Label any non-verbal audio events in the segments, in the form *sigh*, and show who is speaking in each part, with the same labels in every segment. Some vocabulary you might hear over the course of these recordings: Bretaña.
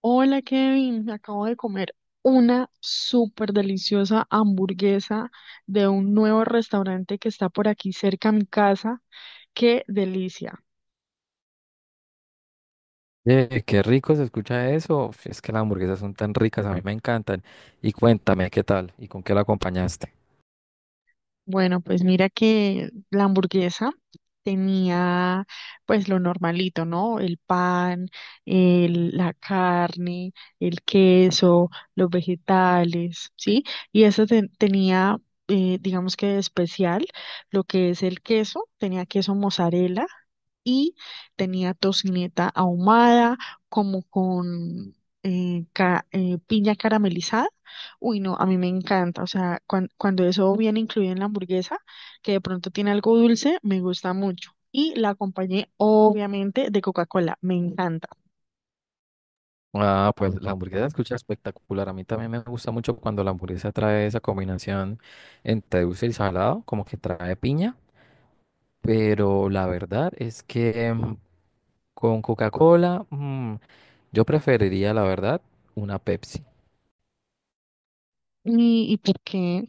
Speaker 1: Hola Kevin, me acabo de comer una súper deliciosa hamburguesa de un nuevo restaurante que está por aquí cerca a mi casa. ¡Qué delicia!
Speaker 2: Oye, qué rico se escucha eso. Uf, es que las hamburguesas son tan ricas, a mí me encantan. Y cuéntame, ¿qué tal? ¿Y con qué la acompañaste?
Speaker 1: Bueno, pues mira que la hamburguesa tenía pues lo normalito, ¿no? El pan, la carne, el queso, los vegetales, ¿sí? Y esa tenía, digamos que de especial, lo que es el queso, tenía queso mozzarella y tenía tocineta ahumada, como con piña caramelizada. Uy, no, a mí me encanta. O sea, cuando eso viene incluido en la hamburguesa, que de pronto tiene algo dulce, me gusta mucho. Y la acompañé, obviamente, de Coca-Cola. Me encanta.
Speaker 2: Ah, pues la hamburguesa se escucha espectacular. A mí también me gusta mucho cuando la hamburguesa trae esa combinación entre dulce y salado, como que trae piña. Pero la verdad es que con Coca-Cola, yo preferiría, la verdad, una Pepsi.
Speaker 1: ¿Y, por qué?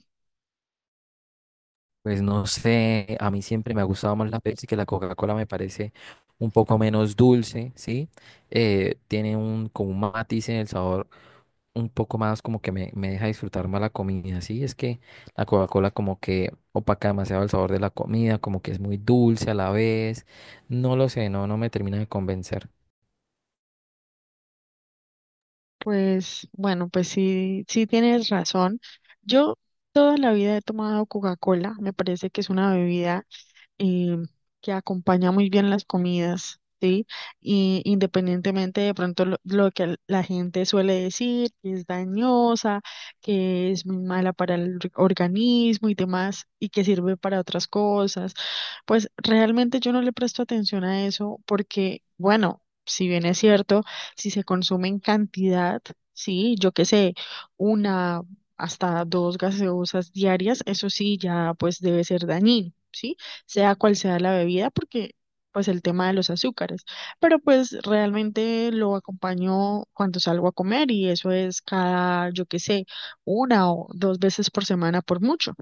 Speaker 2: Pues no sé, a mí siempre me ha gustado más la Pepsi que la Coca-Cola, me parece un poco menos dulce, ¿sí? Tiene un, como un matiz en el sabor un poco más como que me deja disfrutar más la comida, ¿sí? Es que la Coca-Cola como que opaca demasiado el sabor de la comida, como que es muy dulce a la vez, no lo sé, no me termina de convencer.
Speaker 1: Pues, bueno, pues sí, sí tienes razón. Yo toda la vida he tomado Coca-Cola. Me parece que es una bebida eh, que acompaña muy bien las comidas, ¿sí? Y independientemente de pronto lo que la gente suele decir, que es dañosa, que es muy mala para el organismo y demás, y que sirve para otras cosas, pues realmente yo no le presto atención a eso porque, bueno, si bien es cierto, si se consume en cantidad, sí, yo qué sé, una hasta dos gaseosas diarias, eso sí ya pues debe ser dañino. ¿Sí? Sea cual sea la bebida, porque pues el tema de los azúcares, pero pues realmente lo acompaño cuando salgo a comer y eso es cada, yo qué sé, una o dos veces por semana por mucho.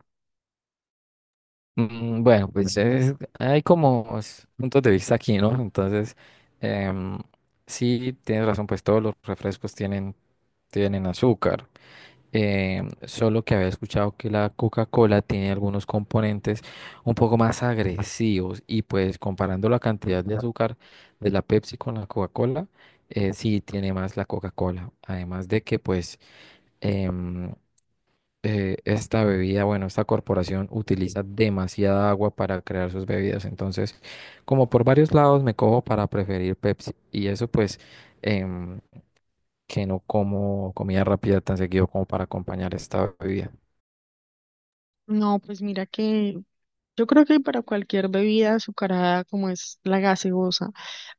Speaker 2: Mm. Bueno, pues hay como puntos de vista aquí, ¿no? Entonces, em, sí, tienes razón, pues todos los refrescos tienen azúcar. Solo que había escuchado que la Coca-Cola tiene algunos componentes un poco más agresivos y pues comparando la cantidad de azúcar de la Pepsi con la Coca-Cola, sí tiene más la Coca-Cola. Además de que pues... em, esta bebida, bueno, esta corporación utiliza demasiada agua para crear sus bebidas. Entonces, como por varios lados me cojo para preferir Pepsi. Y eso pues em, que no como comida rápida tan seguido como para acompañar esta bebida.
Speaker 1: No, pues mira que yo creo que para cualquier bebida azucarada como es la gaseosa,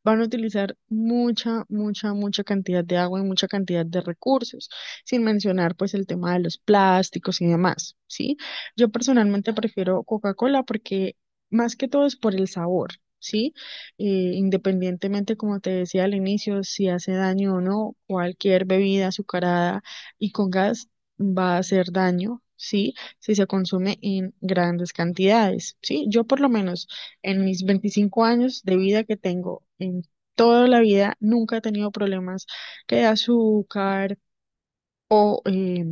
Speaker 1: van a utilizar mucha, mucha, mucha cantidad de agua y mucha cantidad de recursos, sin mencionar pues el tema de los plásticos y demás, ¿sí? Yo personalmente prefiero Coca-Cola porque más que todo es por el sabor, ¿sí? Independientemente, como te decía al inicio, si hace daño o no, cualquier bebida azucarada y con gas va a hacer daño. Sí, si se consume en grandes cantidades, ¿sí? Yo por lo menos en mis 25 años de vida que tengo, en toda la vida, nunca he tenido problemas que de azúcar o eh,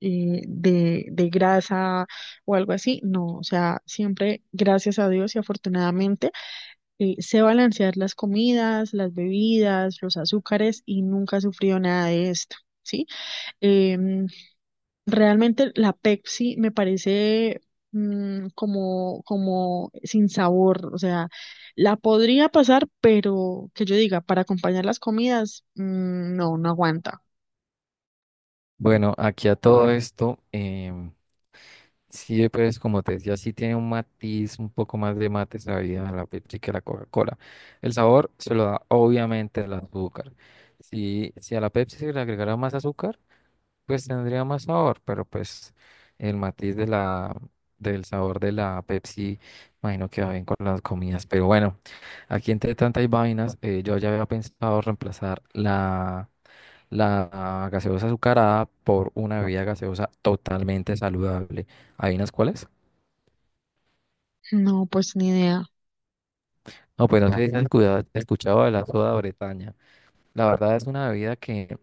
Speaker 1: eh, de, de grasa o algo así, no, o sea, siempre, gracias a Dios y afortunadamente, sé balancear las comidas, las bebidas, los azúcares y nunca he sufrido nada de esto. ¿Sí? Eh, Realmente la Pepsi me parece como sin sabor, o sea, la podría pasar, pero que yo diga, para acompañar las comidas, no, no aguanta.
Speaker 2: Bueno, aquí a todo esto, sí, pues como te decía, sí tiene un matiz, un poco más de mate esa bebida, la Pepsi que la Coca-Cola. El sabor se lo da obviamente el azúcar. Si, si a la Pepsi se le agregara más azúcar, pues tendría más sabor, pero pues el matiz del sabor de la Pepsi, imagino que va bien con las comidas. Pero bueno, aquí entre tantas vainas, yo ya había pensado reemplazar la gaseosa azucarada por una bebida gaseosa totalmente saludable. ¿Adivinas cuál es?
Speaker 1: No, pues ni idea.
Speaker 2: No, pues no sé si has escuchado de la soda Bretaña. La verdad es una bebida que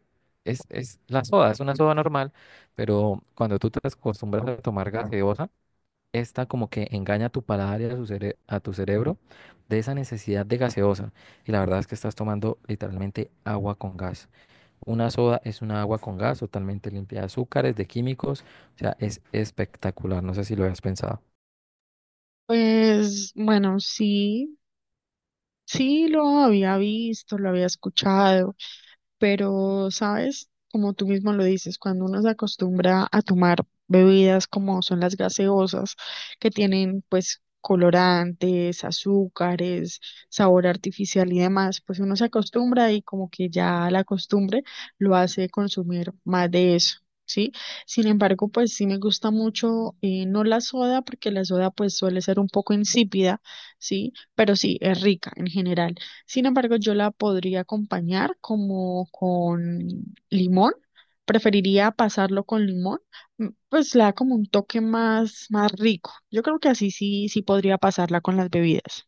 Speaker 2: es la soda, es una soda normal, pero cuando tú te acostumbras a tomar gaseosa, esta como que engaña a tu paladar y a tu cerebro de esa necesidad de gaseosa. Y la verdad es que estás tomando literalmente agua con gas. Una soda es una agua con gas totalmente limpia de azúcares, de químicos. O sea, es espectacular. No sé si lo habías pensado.
Speaker 1: Pues bueno, sí, sí lo había visto, lo había escuchado. Pero, ¿sabes? Como tú mismo lo dices, cuando uno se acostumbra a tomar bebidas como son las gaseosas, que tienen pues colorantes, azúcares, sabor artificial y demás, pues uno se acostumbra y como que ya la costumbre lo hace consumir más de eso. Sí, sin embargo, pues sí me gusta mucho, no la soda, porque la soda pues suele ser un poco insípida, sí, pero sí, es rica en general. Sin embargo, yo la podría acompañar como con limón. Preferiría pasarlo con limón, pues le da como un toque más rico. Yo creo que así sí, sí podría pasarla con las bebidas.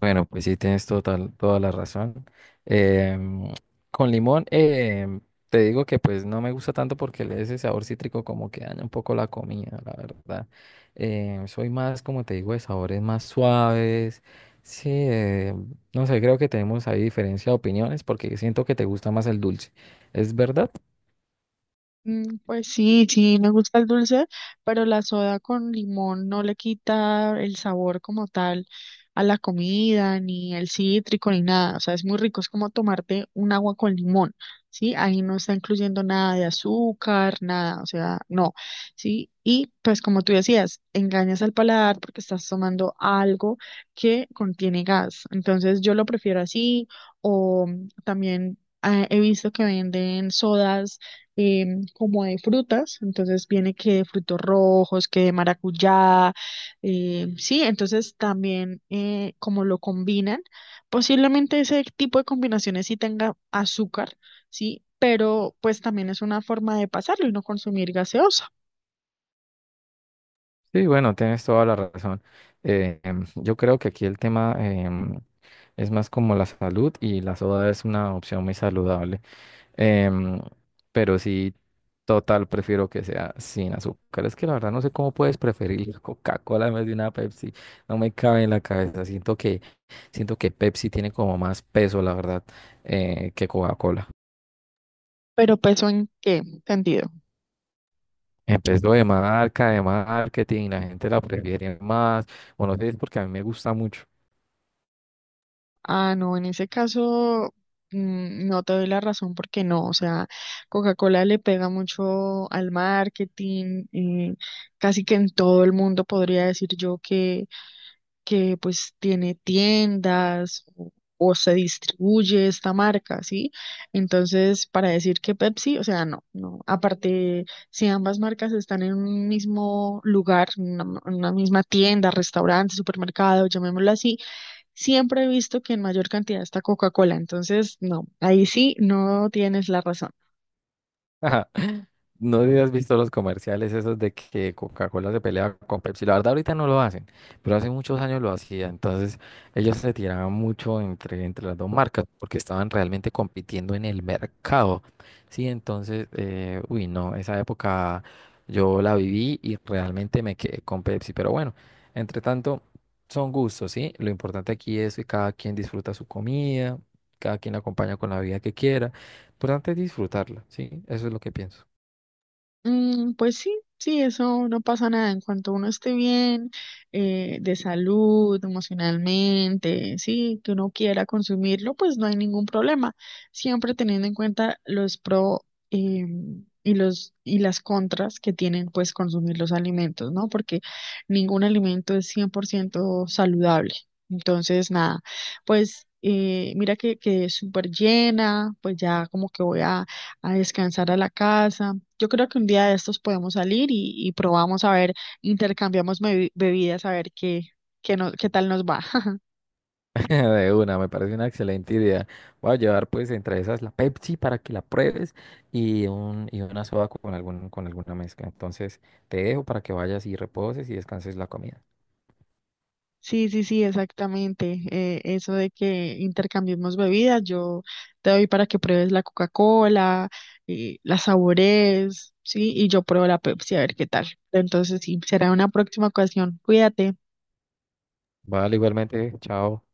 Speaker 2: Bueno, pues sí, tienes toda la razón. Em, con limón, te digo que pues no me gusta tanto porque ese sabor cítrico como que daña un poco la comida, la verdad. Soy más, como te digo, de sabores más suaves. Sí, no sé, creo que tenemos ahí diferencia de opiniones porque siento que te gusta más el dulce. ¿Es verdad?
Speaker 1: Mm, pues sí, sí, me gusta el dulce, pero la soda con limón no le quita el sabor como tal a la comida, ni el cítrico, ni nada. O sea, es muy rico, es como tomarte un agua con limón, ¿sí? Ahí no está incluyendo nada de azúcar, nada, o sea, no, ¿sí? Y pues como tú decías, engañas al paladar porque estás tomando algo que contiene gas. Entonces yo lo prefiero así, o también ah, he visto que venden sodas como de frutas, entonces viene que de frutos rojos, que de maracuyá, sí, entonces también como lo combinan, posiblemente ese tipo de combinaciones sí tenga azúcar, sí, pero pues también es una forma de pasarlo y no consumir gaseosa.
Speaker 2: Sí, bueno, tienes toda la razón. Yo creo que aquí el tema... es más como la salud y la soda es una opción muy saludable. Em, pero sí, total, prefiero que sea sin azúcar. Es que la verdad no sé cómo puedes preferir la Coca-Cola en vez de una Pepsi. No me cabe en la cabeza. Siento que Pepsi tiene como más peso, la verdad, que Coca-Cola.
Speaker 1: ¿Pero peso en qué sentido?
Speaker 2: Empezó de marca, de marketing, la gente la prefiere más. Bueno, no sé, es porque a mí me gusta mucho.
Speaker 1: Ah, no, en ese caso no te doy la razón porque no, o sea, Coca-Cola le pega mucho al marketing, casi que en todo el mundo podría decir yo que pues tiene tiendas o se distribuye esta marca, ¿sí? Entonces, para decir que Pepsi, o sea, no, no. Aparte, si ambas marcas están en un mismo lugar, en una, en una misma tienda, restaurante, supermercado, llamémoslo así, siempre he visto que en mayor cantidad está Coca-Cola. Entonces, no, ahí sí no tienes la razón.
Speaker 2: Ajá. No sé si has visto los comerciales esos de que Coca-Cola se pelea con Pepsi. La verdad ahorita no lo hacen, pero hace muchos años lo hacía. Entonces ellos se tiraban mucho entre las dos marcas porque estaban realmente compitiendo en el mercado. Sí, entonces, uy, no, esa época yo la viví y realmente me quedé con Pepsi. Pero bueno, entre tanto, son gustos, ¿sí? Lo importante aquí es que cada quien disfruta su comida, cada quien la acompaña con la bebida que quiera. Importante es disfrutarla, ¿sí? Eso es lo que pienso.
Speaker 1: Mm, pues sí, sí, eso no pasa nada. En cuanto uno esté bien, de salud, emocionalmente, sí, que uno quiera consumirlo, pues no hay ningún problema. Siempre teniendo en cuenta los pro eh, y las contras que tienen, pues, consumir los alimentos, ¿no? Porque ningún alimento es 100% saludable. Entonces, nada, pues mira que quedé súper llena, pues ya como que voy a descansar a la casa. Yo creo que un día de estos podemos salir y probamos a ver, intercambiamos bebidas a ver qué, qué tal nos va. *laughs*
Speaker 2: *laughs* De una, me parece una excelente idea. Voy a llevar pues entre esas la Pepsi para que la pruebes y una soda con con alguna mezcla. Entonces te dejo para que vayas y reposes y descanses la comida.
Speaker 1: Sí, sí, sí, exactamente. Eso de que intercambiemos bebidas, yo te doy para que pruebes la Coca-Cola, y la saborees, sí, y yo pruebo la Pepsi a ver qué tal. Entonces, sí, será una próxima ocasión. Cuídate.
Speaker 2: Vale, igualmente, chao.